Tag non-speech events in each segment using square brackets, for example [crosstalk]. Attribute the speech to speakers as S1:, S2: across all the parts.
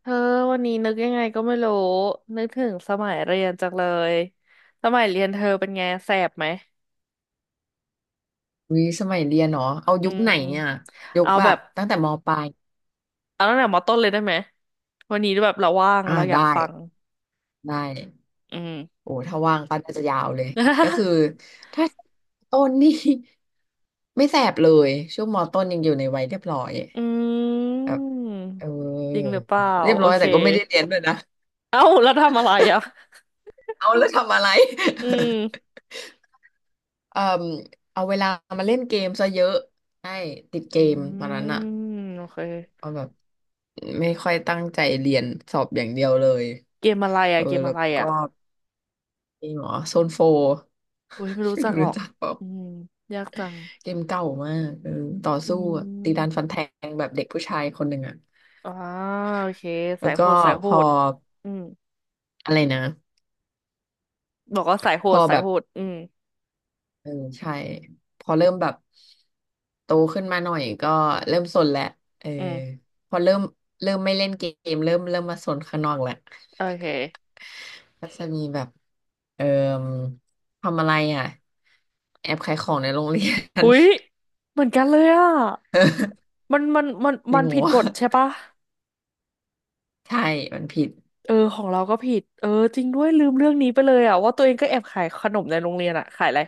S1: เธอวันนี้นึกยังไงก็ไม่รู้นึกถึงสมัยเรียนจังเลยสมัยเรียนเธอเป็นไงแสบไหม
S2: วิสมัยเรียนเนาะเอา
S1: อื
S2: ยุคไห
S1: ม
S2: นเนี่ยยุค
S1: เอา
S2: แบ
S1: แบ
S2: บ
S1: บ
S2: ตั้งแต่มปลาย
S1: เอาตั้งแต่มอต้นเลยได้ไหมวันนี้แบบเราว่าง
S2: อ่า
S1: เราอยา
S2: ได้
S1: กฟัง
S2: ได้
S1: อืม
S2: โอ้ถ้าว่างก็น่าจะยาวเลยก็คือ
S1: [laughs]
S2: ถ้าต้นนี่ [laughs] ไม่แสบเลยช่วงมต้นยังอยู่ในวัยเรียบร้อย
S1: อื
S2: แบบ
S1: ม
S2: เอ
S1: จริงห
S2: อ
S1: รือเปล่า
S2: เรียบ
S1: โอ
S2: ร้อย
S1: เค
S2: แต่ก็ไม่ได้เรียนด้วยนะ
S1: เอ้าแล้วทำอะไรอ่ะ
S2: เอาแล้วทำอะไร
S1: อื
S2: [laughs]
S1: ม
S2: เอ่อเอาเวลามาเล่นเกมซะเยอะใช่ติดเก
S1: อื
S2: มตอนนั้นอะ
S1: มโอเค
S2: เอาแบบไม่ค่อยตั้งใจเรียนสอบอย่างเดียวเลย
S1: เกมอะไร
S2: เอ
S1: อ่ะ
S2: อ
S1: เกม
S2: แล้
S1: อะ
S2: ว
S1: ไร
S2: ก็
S1: อ่ะ
S2: เกมเหรอโซนโฟร์
S1: โอ้ยไม่
S2: [laughs]
S1: รู้
S2: ไม่
S1: จัก
S2: รู้
S1: หรอ
S2: รู้
S1: ก
S2: จักเปล่า
S1: อืมยากจัง
S2: เกมเก่ามากเออต่อ
S1: อื
S2: สู้อะตีดันฟั
S1: ม
S2: นแทงแบบเด็กผู้ชายคนหนึ่งอ่ะ
S1: อ่าโอเค
S2: แล้
S1: สา
S2: ว
S1: ยโห
S2: ก็
S1: ดสาย
S2: พ
S1: โห
S2: อ
S1: ดอืม
S2: อะไรนะ
S1: บอกว่าสายโห
S2: พ
S1: ด
S2: อ
S1: สา
S2: แบ
S1: ย
S2: บ
S1: โหดอืม
S2: เออใช่พอเริ่มแบบโตขึ้นมาหน่อยก็เริ่มสนแหละเออ
S1: อืม
S2: พอเริ่มไม่เล่นเกมเริ่มมาสนข้างนอกแหละ
S1: โอเค
S2: ก็จะมีแบบเอ่อทำอะไรอ่ะแอบขายของในโรงเรียน
S1: หุยเหมือนกันเลยอ่ะ
S2: [laughs]
S1: มันมันมัน
S2: จริ
S1: มั
S2: ง
S1: น
S2: เหรอ
S1: ผิด
S2: ว
S1: กฎใช่ปะ
S2: ใช่มันผิด
S1: เออของเราก็ผิดเออจริงด้วยลืมเรื่องนี้ไปเลยอ่ะว่าตัวเองก็แอบขายขนมในโรงเรียนอ่ะขายอะไร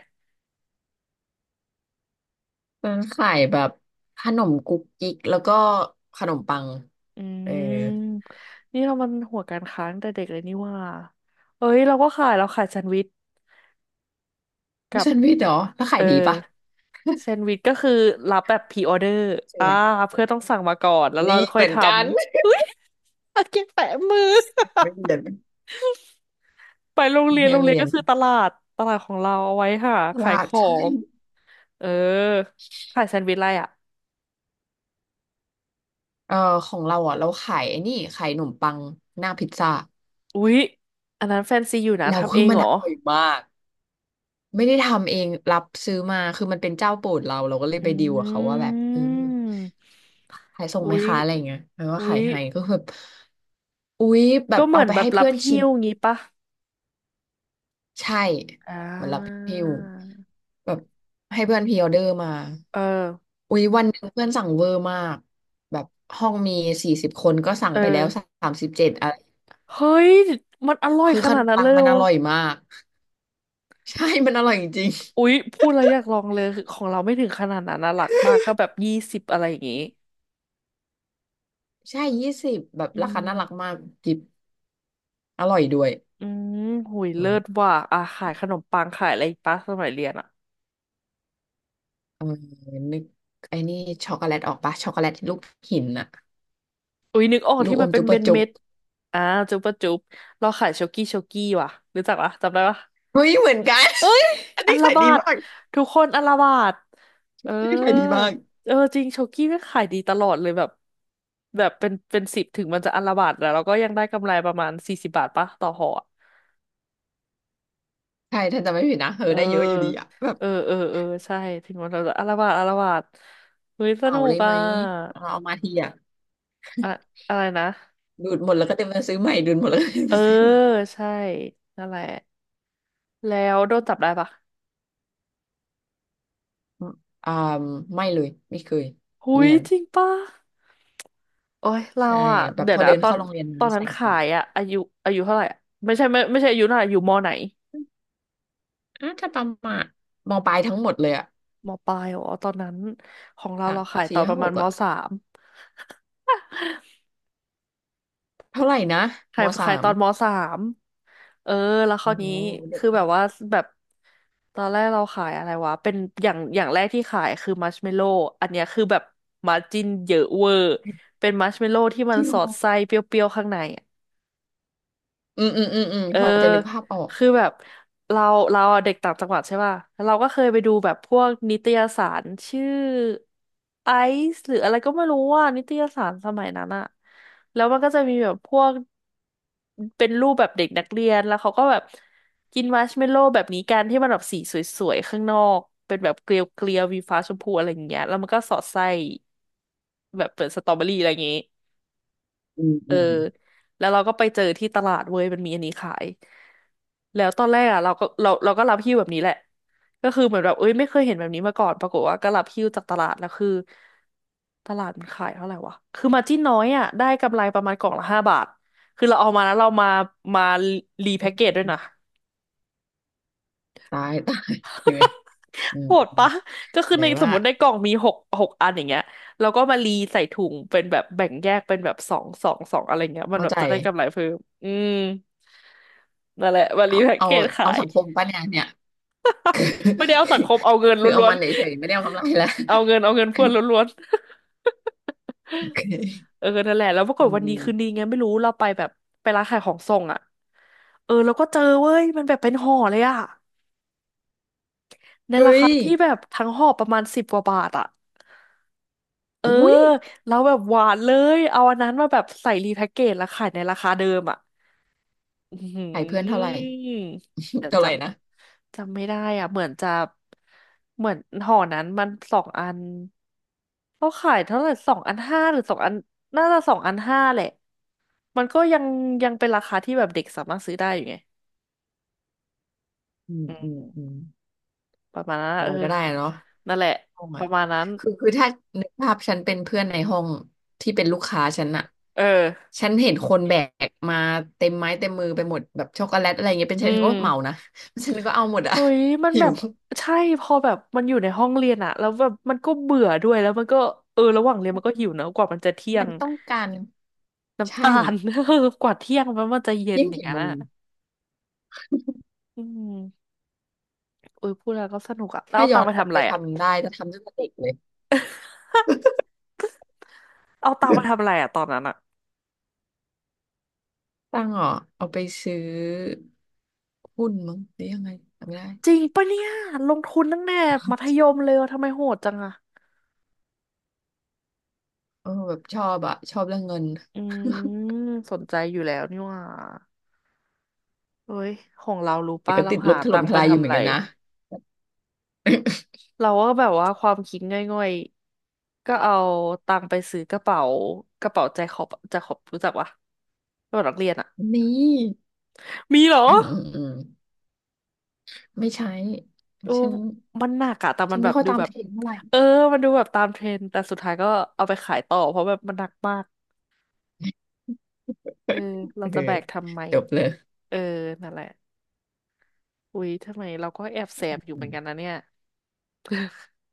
S2: ร้านขายแบบขนมกุ๊กกิ๊กแล้วก็ขนมปัง
S1: อื
S2: เออ
S1: มนี่เรามันหัวการค้าตั้งแต่เด็กเลยนี่ว่าเอ้ยเราขายแซนด์วิชกับ
S2: ไฉันวิทย์เหรอแล้ว
S1: เอ
S2: ขาย
S1: อ
S2: ดีปะ
S1: แซนด์วิชก็คือรับแบบพ r ีออเดอร์
S2: ใช่
S1: อ่า
S2: ไหม
S1: เพื่อนต้องสั่งมาก่อนแล้วเรา
S2: นี่
S1: ค่
S2: เห
S1: อย
S2: มือ
S1: ท
S2: นกัน
S1: ำอุ้ยอาเก็บแปะมือ
S2: [laughs] ไม่เรียน
S1: [laughs] ไปโรงเรียน
S2: เรื่
S1: โร
S2: อง
S1: งเรียน
S2: เรีย
S1: ก็
S2: น
S1: คือตลาดตลาดของเราเอาไว้ค่ะ
S2: พ
S1: ขาย
S2: ลา
S1: ข
S2: ด
S1: อ
S2: ใช่
S1: งเออขายแซนด์วิชอะไรอ่ะ
S2: เออของเราอ่ะเราขายไอ้นี่ขายขนมปังหน้าพิซซ่า
S1: อุ๊ยอันนั้นแฟนซีอยู่นะ
S2: แล้ว
S1: ทำ
S2: คื
S1: เอ
S2: อ
S1: ง
S2: มัน
S1: เหร
S2: อ
S1: อ
S2: ร่อยมาก ไม่ได้ทำเองรับซื้อมาคือมันเป็นเจ้าโปรดเราเราก็เลย
S1: อ
S2: ไปดีลกับเขา
S1: ื
S2: ว่าแบบเออ
S1: ม
S2: ขายส่ง
S1: อุ๊
S2: ไหม
S1: ย
S2: คะอะไรอย่างเงี้ยแล้วก็
S1: อุ๊
S2: ขาย
S1: ย
S2: ให้ก็คือแบบอุ๊ยแบ
S1: ก็
S2: บ
S1: เหมื
S2: เอา
S1: อน
S2: ไป
S1: แบ
S2: ให้
S1: บรั
S2: เพื่
S1: บ
S2: อน
S1: หิ้
S2: ชิม
S1: วงี้ปะ
S2: ใช่
S1: อ่
S2: เหมือนรับ
S1: า
S2: หิ้วแบบให้เพื่อนพรีออเดอร์มา
S1: เออ
S2: อุ๊ยวันหนึ่งเพื่อนสั่งเวอร์มากแบบห้องมี40คนก็สั่ง
S1: เอ
S2: ไป
S1: อ
S2: แล้ว37อะไร
S1: เฮ้ยมันอร่อย
S2: คือ
S1: ข
S2: ข
S1: นา
S2: น
S1: ด
S2: ม
S1: นั้น
S2: ปั
S1: เล
S2: ง
S1: ย
S2: มั
S1: โอ
S2: นอร่อยมาก [laughs] ใช่มันอร่อยจริง [laughs]
S1: อุ๊ยพูดแล้วอยากลองเลยคือของเราไม่ถึงขนาดนั้นนะหลักมากก็แบบยี่สิบอะไรอย่างงี้
S2: ๆใช่20แบบ
S1: อื
S2: ราคาน่ารัก
S1: ม
S2: มากกิบอร่อยด้วย
S1: อืมหุย
S2: เอ
S1: เลิ
S2: อ
S1: ศว่ะอ่ะขายขนมปังขายอะไรอีกปะสมัยเรียนอ่ะ
S2: เออนึกไอ้นี่ช็อกโกแลตออกปะช็อกโกแลตลูกหินอะ
S1: อุ๊ยนึกออก
S2: ลู
S1: ที่
S2: กอ
S1: มัน
S2: ม
S1: เป็น
S2: จุ๊บะจุ๊บ
S1: เม็ดอ่าจุ๊บปะจุ๊บเราขายโชกี้โชกี้ว่ะรู้จักปะจำได้ปะ
S2: เฮ้ยเหมือนกัน [laughs] อัน
S1: อั
S2: นี้
S1: ลลา
S2: ขาย
S1: บา
S2: ดี
S1: ด
S2: มาก
S1: ทุกคนอัลลาบาดเอ
S2: อั
S1: อ
S2: นนี่ขายดีมาก
S1: เออจริงโชกี้ไม่งขายดีตลอดเลยแบบแบบเป็นสิบถึงมันจะอัลลาบาดแต่เราก็ยังได้กำไรประมาณ40 บาทปะต่อห่ออะ
S2: ใช่ถ้าจะไม่ผิดนะเออ
S1: เออ
S2: ได้เยอะอยู่ดีอะแบบ
S1: เออเออเออใช่ถึงมันเราจะอัลลาบาดอัลลาบาดเฮ้ย
S2: เห
S1: ส
S2: มา
S1: นุก
S2: เลยไห
S1: อ่ะ
S2: มเราเอามาทีอะ
S1: อะอะไรนะ
S2: ดูดหมดแล้วก็เต็มไปซื้อใหม่ดูดหมดแล้วก็เต็ม
S1: เอ
S2: ไป
S1: อ
S2: ซื้อใหม่
S1: ใช่นั่นแหละแล้วโดนจับได้ปะ
S2: อ่าไม่เลยไม่เคย
S1: หุ
S2: เนี
S1: ย
S2: ยน
S1: จริงป่ะโอ้ยเรา
S2: ใช่
S1: อ่ะ
S2: แบบ
S1: เดี๋ย
S2: พ
S1: ว
S2: อ
S1: นะ
S2: เดิน
S1: ตอน
S2: เข้าโรงเรียน
S1: ตอน
S2: นะ
S1: นั้
S2: ใส่
S1: น
S2: กระ
S1: ขา
S2: เป๋า
S1: ยอ่ะอายุเท่าไหร่อะไม่ใช่อายุเท่าไหร่อยู่มไหน
S2: อ่ะถ้าประมาณมปลายทั้งหมดเลยอะ
S1: มปลายอ๋อตอนนั้นของเรา
S2: สั
S1: เรา
S2: ก
S1: ขายต
S2: สี่
S1: อนป
S2: ห้า
S1: ระ
S2: ห
S1: มาณ
S2: ก
S1: ม
S2: อะ
S1: สาม
S2: เท่าไหร่นะม
S1: ขาย
S2: สา
S1: ขายต
S2: ม
S1: อนมสามเออแล้วครา
S2: โอ้
S1: ว
S2: โห
S1: นี้
S2: เด็ก
S1: คือแบบว่าแบบตอนแรกเราขายอะไรวะเป็นอย่างแรกที่ขายคือมัชเมลโล่อันเนี้ยคือแบบมาร์จิ้นเยอะเวอร์เป็นมัชเมลโล่ที่มั
S2: จ
S1: น
S2: ริง
S1: ส
S2: เห
S1: อ
S2: รอ
S1: ดไส้เปรี้ยวๆข้างใน
S2: อืมอืมอืมอืม
S1: เออ
S2: พอจะนึกภาพออก
S1: คือแบบเราเราอะเด็กต่างจังหวัดใช่ป่ะแล้วเราก็เคยไปดูแบบพวกนิตยสารชื่อไอซ์หรืออะไรก็ไม่รู้ว่านิตยสารสมัยนั้นอะแล้วมันก็จะมีแบบพวกเป็นรูปแบบเด็กนักเรียนแล้วเขาก็แบบกินมัชเมลโล่แบบนี้กันที่มันแบบสีสวยๆข้างนอกเป็นแบบเกลียวๆมีฟ้าชมพูอะไรอย่างเงี้ยแล้วมันก็สอดไส้แบบเป็นสตรอเบอรี่อะไรอย่างงี้
S2: อืม
S1: เอ
S2: อื
S1: อ
S2: ม
S1: แล้วเราก็ไปเจอที่ตลาดเว้ยมันมีอันนี้ขายแล้วตอนแรกอ่ะเราก็รับหิ้วแบบนี้แหละก็คือเหมือนแบบเอ้ยไม่เคยเห็นแบบนี้มาก่อนปรากฏว่าก็รับหิ้วจากตลาดแล้วคือตลาดมันขายเท่าไหร่วะคือมาจิ้นน้อยอ่ะได้กำไรประมาณกล่องละ5 บาทคือเราเอามาแล้วเรามารีแพ็กเกจด้วยนะ
S2: ตาย [laughs] ตายเหนื่อยอืม
S1: โหดปะก็คื
S2: เห
S1: อ
S2: นื่
S1: ใน
S2: อย
S1: ส
S2: มา
S1: มม
S2: ก
S1: ติในกล่องมีหกอันอย่างเงี้ยแล้วก็มารีใส่ถุงเป็นแบบแบ่งแยกเป็นแบบสองสองสองอะไรเงี้ยมัน
S2: เข้า
S1: แบบ
S2: ใจ
S1: จะได้กำไรเพิ่มอืม นั่นแหละวันรี
S2: เอา
S1: แพ็ก
S2: เอา
S1: เกจ
S2: เอา
S1: ขาย
S2: สังคมปะเนี่ยเนี่ย
S1: ไม่ได้เอาสังคมเอาเงิน
S2: คือเอา
S1: ล้วน
S2: มันเฉยๆไม่ได้เอากำไรแล้ว
S1: ๆเอาเงินเอาเงินเพื่อนล้วน
S2: โอ
S1: ๆ
S2: เค
S1: [laughs] เออนั่นแหละแล้วปราก
S2: ยั
S1: ฏ
S2: ง
S1: วัน
S2: ดี
S1: ดีคืนดีไงไม่รู้เราไปแบบไปร้านขายของส่งอ่ะเออแล้วก็เจอเว้ยมันแบบเป็นห่อเลยอ่ะใน
S2: เฮ้
S1: ราคา
S2: ย
S1: ที่แบบทั้งห่อประมาณ10 กว่าบาทอ่ะเออ
S2: อุ้ย
S1: แล้วแบบหวานเลยเอาอันนั้นมาแบบใส่รีแพ็กเกจแล้วขายในราคาเดิมอ่ะ อื
S2: ขายเพื่อนเท่าไหร่
S1: มเดี๋
S2: [laughs]
S1: ยว
S2: เท่า
S1: จ
S2: ไหร่นะ
S1: ำจำไม่ได้อ่ะเหมือนจะเหมือนห่อนั้นมันสองอันเขาขายเท่าไหร่สองอันห้าหรือสองอันน่าจะสองอันห้าแหละมันก็ยังเป็นราคาที่แบบเด็กสามารถซื้อได้อยู่ไง
S2: อืม
S1: อื
S2: อืม
S1: ม
S2: อืม
S1: ประมาณนั้นอะ
S2: อะไร
S1: เออ
S2: ก็ได้เนาะ
S1: นั่นแหละ
S2: ห้อง
S1: ป
S2: อ่ะ
S1: ระมาณนั้น
S2: คือถ้านึกภาพฉันเป็นเพื่อนในห้องที่เป็นลูกค้าฉันอะ
S1: เออ
S2: ฉันเห็นคนแบกมาเต็มไม้เต็มมือไปหมดแบบช็อกโกแลตอะไรเงี้ยเป็นฉั
S1: อื
S2: นฉันก็
S1: ม
S2: เหมานะฉันก็เอาหมดอะ
S1: เฮ้ยมัน
S2: [laughs] หิ
S1: แบ
S2: ว
S1: บใช่พอแบบมันอยู่ในห้องเรียนอะแล้วแบบมันก็เบื่อด้วยแล้วมันก็เออระหว่างเรียนมันก็หิวนะกว่ามันจะเที่ย
S2: มั
S1: ง
S2: นต้องการ
S1: น้ำ
S2: ใช่
S1: ตาล [laughs] กว่าเที่ยงมันจะเย็น
S2: ยิ่ง
S1: อย่าง
S2: กี่
S1: นั้
S2: โม
S1: น
S2: ง
S1: อ่ะอืมอุ้ยพูดแล้วก็สนุกอ่ะแล้ว
S2: ถ้า
S1: เอา
S2: ย้
S1: ตั
S2: อ
S1: งค์
S2: น
S1: ไป
S2: กลับ
S1: ทำอะ
S2: ไป
S1: ไรอ่ะ
S2: ทำได้จะทำตั้งแต่เด็กเลย
S1: [laughs] เอาตังค์ไปทำอะไรอ่ะตอนนั้นอ่ะ
S2: ตังค์เหรอ่ะเอาไปซื้อหุ้นมั้งหรือยังไงจำไม่ได้
S1: จริงปะเนี่ยลงทุนตั้งแต่มัธยมเลยอะทำไมโหดจังอ่ะ
S2: เออแบบชอบอ่ะชอบเรื่องเงิน
S1: อื
S2: [laughs]
S1: มสนใจอยู่แล้วนี่หว่าเฮ้ยของเรารู้
S2: แต่
S1: ป่ะ
S2: ก็
S1: เรา
S2: ติดล
S1: หา
S2: บถ
S1: ตั
S2: ล่ม
S1: งค์
S2: ท
S1: ไป
S2: ลายอยู่
S1: ทำ
S2: เหมื
S1: อะ
S2: อน
S1: ไร
S2: กันนะ
S1: เราก็แบบว่าความคิดง่อยๆก็เอาตังค์ไปซื้อกระเป๋ากระเป๋าแจ็คขอบแจ็คขอบรู้จักปะกระเป๋านักเรียนอ่ะ
S2: นี่
S1: มีเหรอ
S2: อืมอืมอืมไม่ใช้
S1: โอ้
S2: ฉัน
S1: มันหนักอะแต่
S2: ฉั
S1: มัน
S2: น
S1: แบ
S2: ไม่
S1: บ
S2: ค่อย
S1: ดู
S2: ตาม
S1: แบบ
S2: เทรนด์เท่าไหร่
S1: เออมันดูแบบตามเทรนด์แต่สุดท้ายก็เอาไปขายต่อเพราะแบบมันหนักมากเออเรา
S2: เออ
S1: จะแบกทำไม
S2: จบเลย
S1: เออนั่นแหละอุ๊ยทำไมเราก็แอบแสบอยู่
S2: อื
S1: เหมือ
S2: ม
S1: นกันนะเนี่ย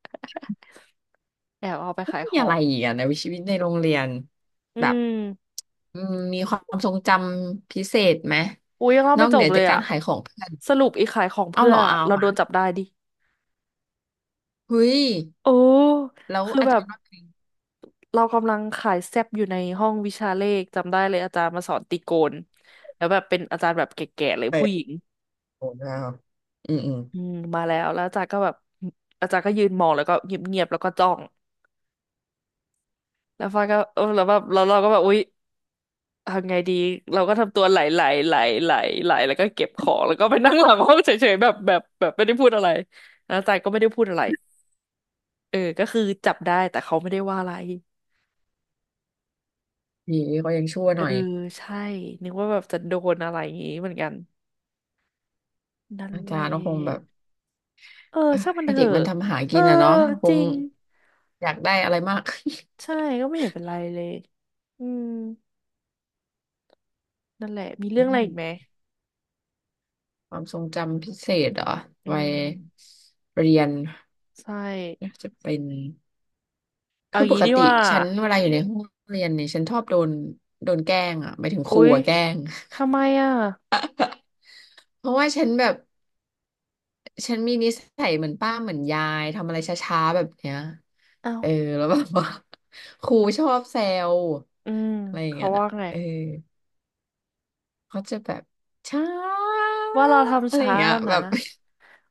S1: [laughs] แอบเอาไป
S2: ไม
S1: ขายข
S2: มี
S1: อ
S2: อะไร
S1: ง
S2: อีกอะในวิชีวิตในโรงเรียน
S1: อื
S2: แบบ
S1: ม
S2: อืมมีความทรงจำพิเศษไหม
S1: อุ๊ยยังเล่า
S2: นอ
S1: ไม่
S2: ก
S1: จ
S2: เหนื
S1: บ
S2: อ
S1: เล
S2: จาก
S1: ย
S2: กา
S1: อะ
S2: รขายของเพื่อน
S1: สรุปอีกขายของ
S2: เอา
S1: เพื่
S2: เห
S1: อ
S2: ร
S1: น
S2: อ
S1: อะ
S2: เอา
S1: เราโด
S2: อ่ะ
S1: นจับได้ดิ
S2: เฮ้ย
S1: โอ้
S2: แล้ว
S1: คือ
S2: อา
S1: แบ
S2: จา
S1: บ
S2: รย์ว่าไง
S1: เรากำลังขายแซบอยู่ในห้องวิชาเลขจำได้เลยอาจารย์มาสอนตรีโกณแล้วแบบเป็นอาจารย์แบบแก่ๆเลย
S2: เตะ
S1: ผู้หญิง
S2: โอ้โหอืมอืม
S1: อืมมาแล้วแล้วอาจารย์ก็แบบอาจารย์ก็ยืนมองแล้วก็เงียบแล้วก็จ้องแล้วฟ้าก็เออแล้วแบบเราก็แบบอุ๊ยทำไงดีเราก็ทำตัวไหลไหลไหลไหลไหลแล้วก็เก็บของแล้วก็ไปนั่งหลังห้องเฉยๆแบบไม่ได้พูดอะไรแล้วอาจารย์ก็ไม่ได้พูดอะไรเออก็คือจับได้แต่เขาไม่ได้ว่าอะไร
S2: ดีเขายังชั่ว
S1: เอ
S2: ห
S1: อ
S2: น่อย
S1: ใช่นึกว่าแบบจะโดนอะไรอย่างงี้เหมือนกันนั่น
S2: อา
S1: แหล
S2: จารย์ก็คงแบบ
S1: ะเออ
S2: [sighs] เอ้อ
S1: ช่างมัน
S2: ให้
S1: เถ
S2: เด็ก
S1: อะ
S2: มันทำหา
S1: เอ
S2: กิ
S1: อ
S2: นอ่ะเนาะค
S1: จริ
S2: ง
S1: ง
S2: อยากได้อะไรมาก [laughs]
S1: ใช่ก็ไม่เห็นเป็นไรเลยอืมนั่นแหละมี
S2: อื
S1: เรื่องอะไรอีกไหม
S2: มความทรงจำพิเศษเหรอ
S1: อื
S2: วัย
S1: ม
S2: เรียน
S1: ใช่
S2: น่าจะเป็น
S1: เอา
S2: คือป
S1: งี้
S2: ก
S1: ดี
S2: ติ
S1: ว่า
S2: ฉันเวลาอยู่ในห้องเรียนเนี่ยฉันชอบโดนแกล้งอ่ะหมายถึงค
S1: อุ๊
S2: รู
S1: ย
S2: อ่ะแกล้ง
S1: ทำไมอ่ะ
S2: [laughs] เพราะว่าฉันแบบฉันมีนิสัยเหมือนป้าเหมือนยายทำอะไรช้าๆแบบเนี้ย
S1: เอ้า
S2: เออแล้วแบบว่า [laughs] ครูชอบแซว
S1: อืม
S2: อะไรอย่าง
S1: เขา
S2: เงี้ย
S1: ว่าไง
S2: เออ เขาจะแบบช้า
S1: ว่าเรา
S2: อะ
S1: ทำ
S2: ไรอย่า
S1: ช้า
S2: งเงี้ยแบ
S1: นะ
S2: บ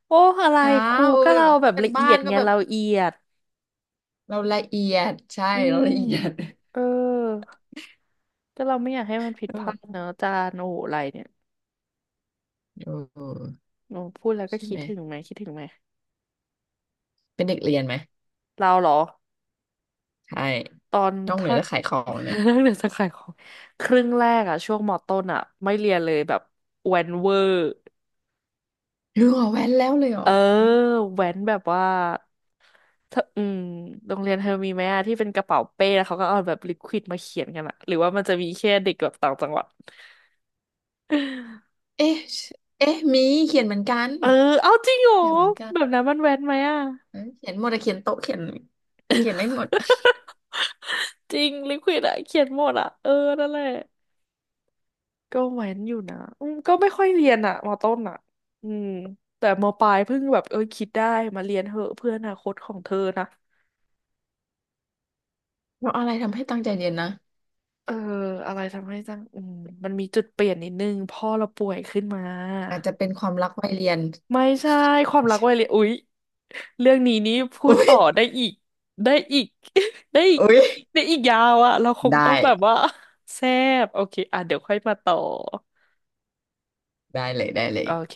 S1: โอ้อะไร
S2: ช้า
S1: ครู
S2: โอ้
S1: ก็
S2: ย
S1: เรา
S2: แบบ
S1: แบบ
S2: เป็น
S1: ละเอี
S2: บ้า
S1: ย
S2: น
S1: ด
S2: ก็
S1: ไง
S2: แบบ
S1: เราเอียด
S2: เราละเอียดใช่
S1: อื
S2: เรา
S1: ม
S2: ละเอียด
S1: เออก็เราไม่อยากให้มันผิด
S2: แล้
S1: พลา
S2: แบบ
S1: ดเนอะอาจานโอ้โหอะไรเนี่ย
S2: โอ
S1: โอ้พูดแล้วก็
S2: ใช่
S1: คิ
S2: ไห
S1: ด
S2: ม
S1: ถึงไหมคิดถึงไหม
S2: เป็นเด็กเรียนไหม
S1: เราเหรอ
S2: ใช่
S1: ตอน
S2: นอกเหนือ
S1: ถ้า
S2: จากขายของ
S1: [laughs]
S2: เนี่ย
S1: เรื่อง [laughs] เดือดสังขารของครึ่งแรกอะช่วงมอต้นอะไม่เรียนเลยแบบแวนเวอร์
S2: หรือเหรอแว้นแล้วเลยเหร
S1: เอ
S2: อ
S1: อแว้นแบบว่าเธออืมโรงเรียนเธอมีไหมอะที่เป็นกระเป๋าเป้แล้วเขาก็เอาแบบลิควิดมาเขียนกันอะหรือว่ามันจะมีแค่เด็กแบบต่างจังหวัด [laughs]
S2: เอ๊ะเอ๊ะมีเขียนเหมือนกัน
S1: เออเอาจริงเหรอ
S2: เขียนเหมือนกัน
S1: แบบนั้นมันแว้นไหมอะ
S2: เอ้ยเขียนหมดอะเขียนโต๊ะเขียนเขียนได้หมด
S1: [laughs] จริงลิควิดอะเขียนหมดอะเออนั่นแหละก็แว้นอยู่นะอืมก็ไม่ค่อยเรียนอะมต้นอะอืมแต่มปลายเพิ่งแบบเออคิดได้มาเรียนเหอะเพื่ออนาคตของเธอนะ
S2: แล้วอะไรทำให้ตั้งใจเรียนนะ
S1: เอออะไรทำให้จังอืมมันมีจุดเปลี่ยนนิดนึงพ่อเราป่วยขึ้นมา
S2: อาจจะเป็นความรักวัยเรียน
S1: ไม่ใช่ความรักวัยเรียนอุ๊ยเรื่องนี้นี่พู
S2: [laughs] อุ้
S1: ดต่
S2: ย
S1: อได้อีกได้อีก [laughs] ได้อีก
S2: อุ้ย
S1: ได้อีกยาวอะเราคง
S2: ได้
S1: ต้องแบบว่าแซบโอเคอ่ะเดี๋ยวค่อยมาต่อ
S2: ได้เลยได้เลย
S1: โอเค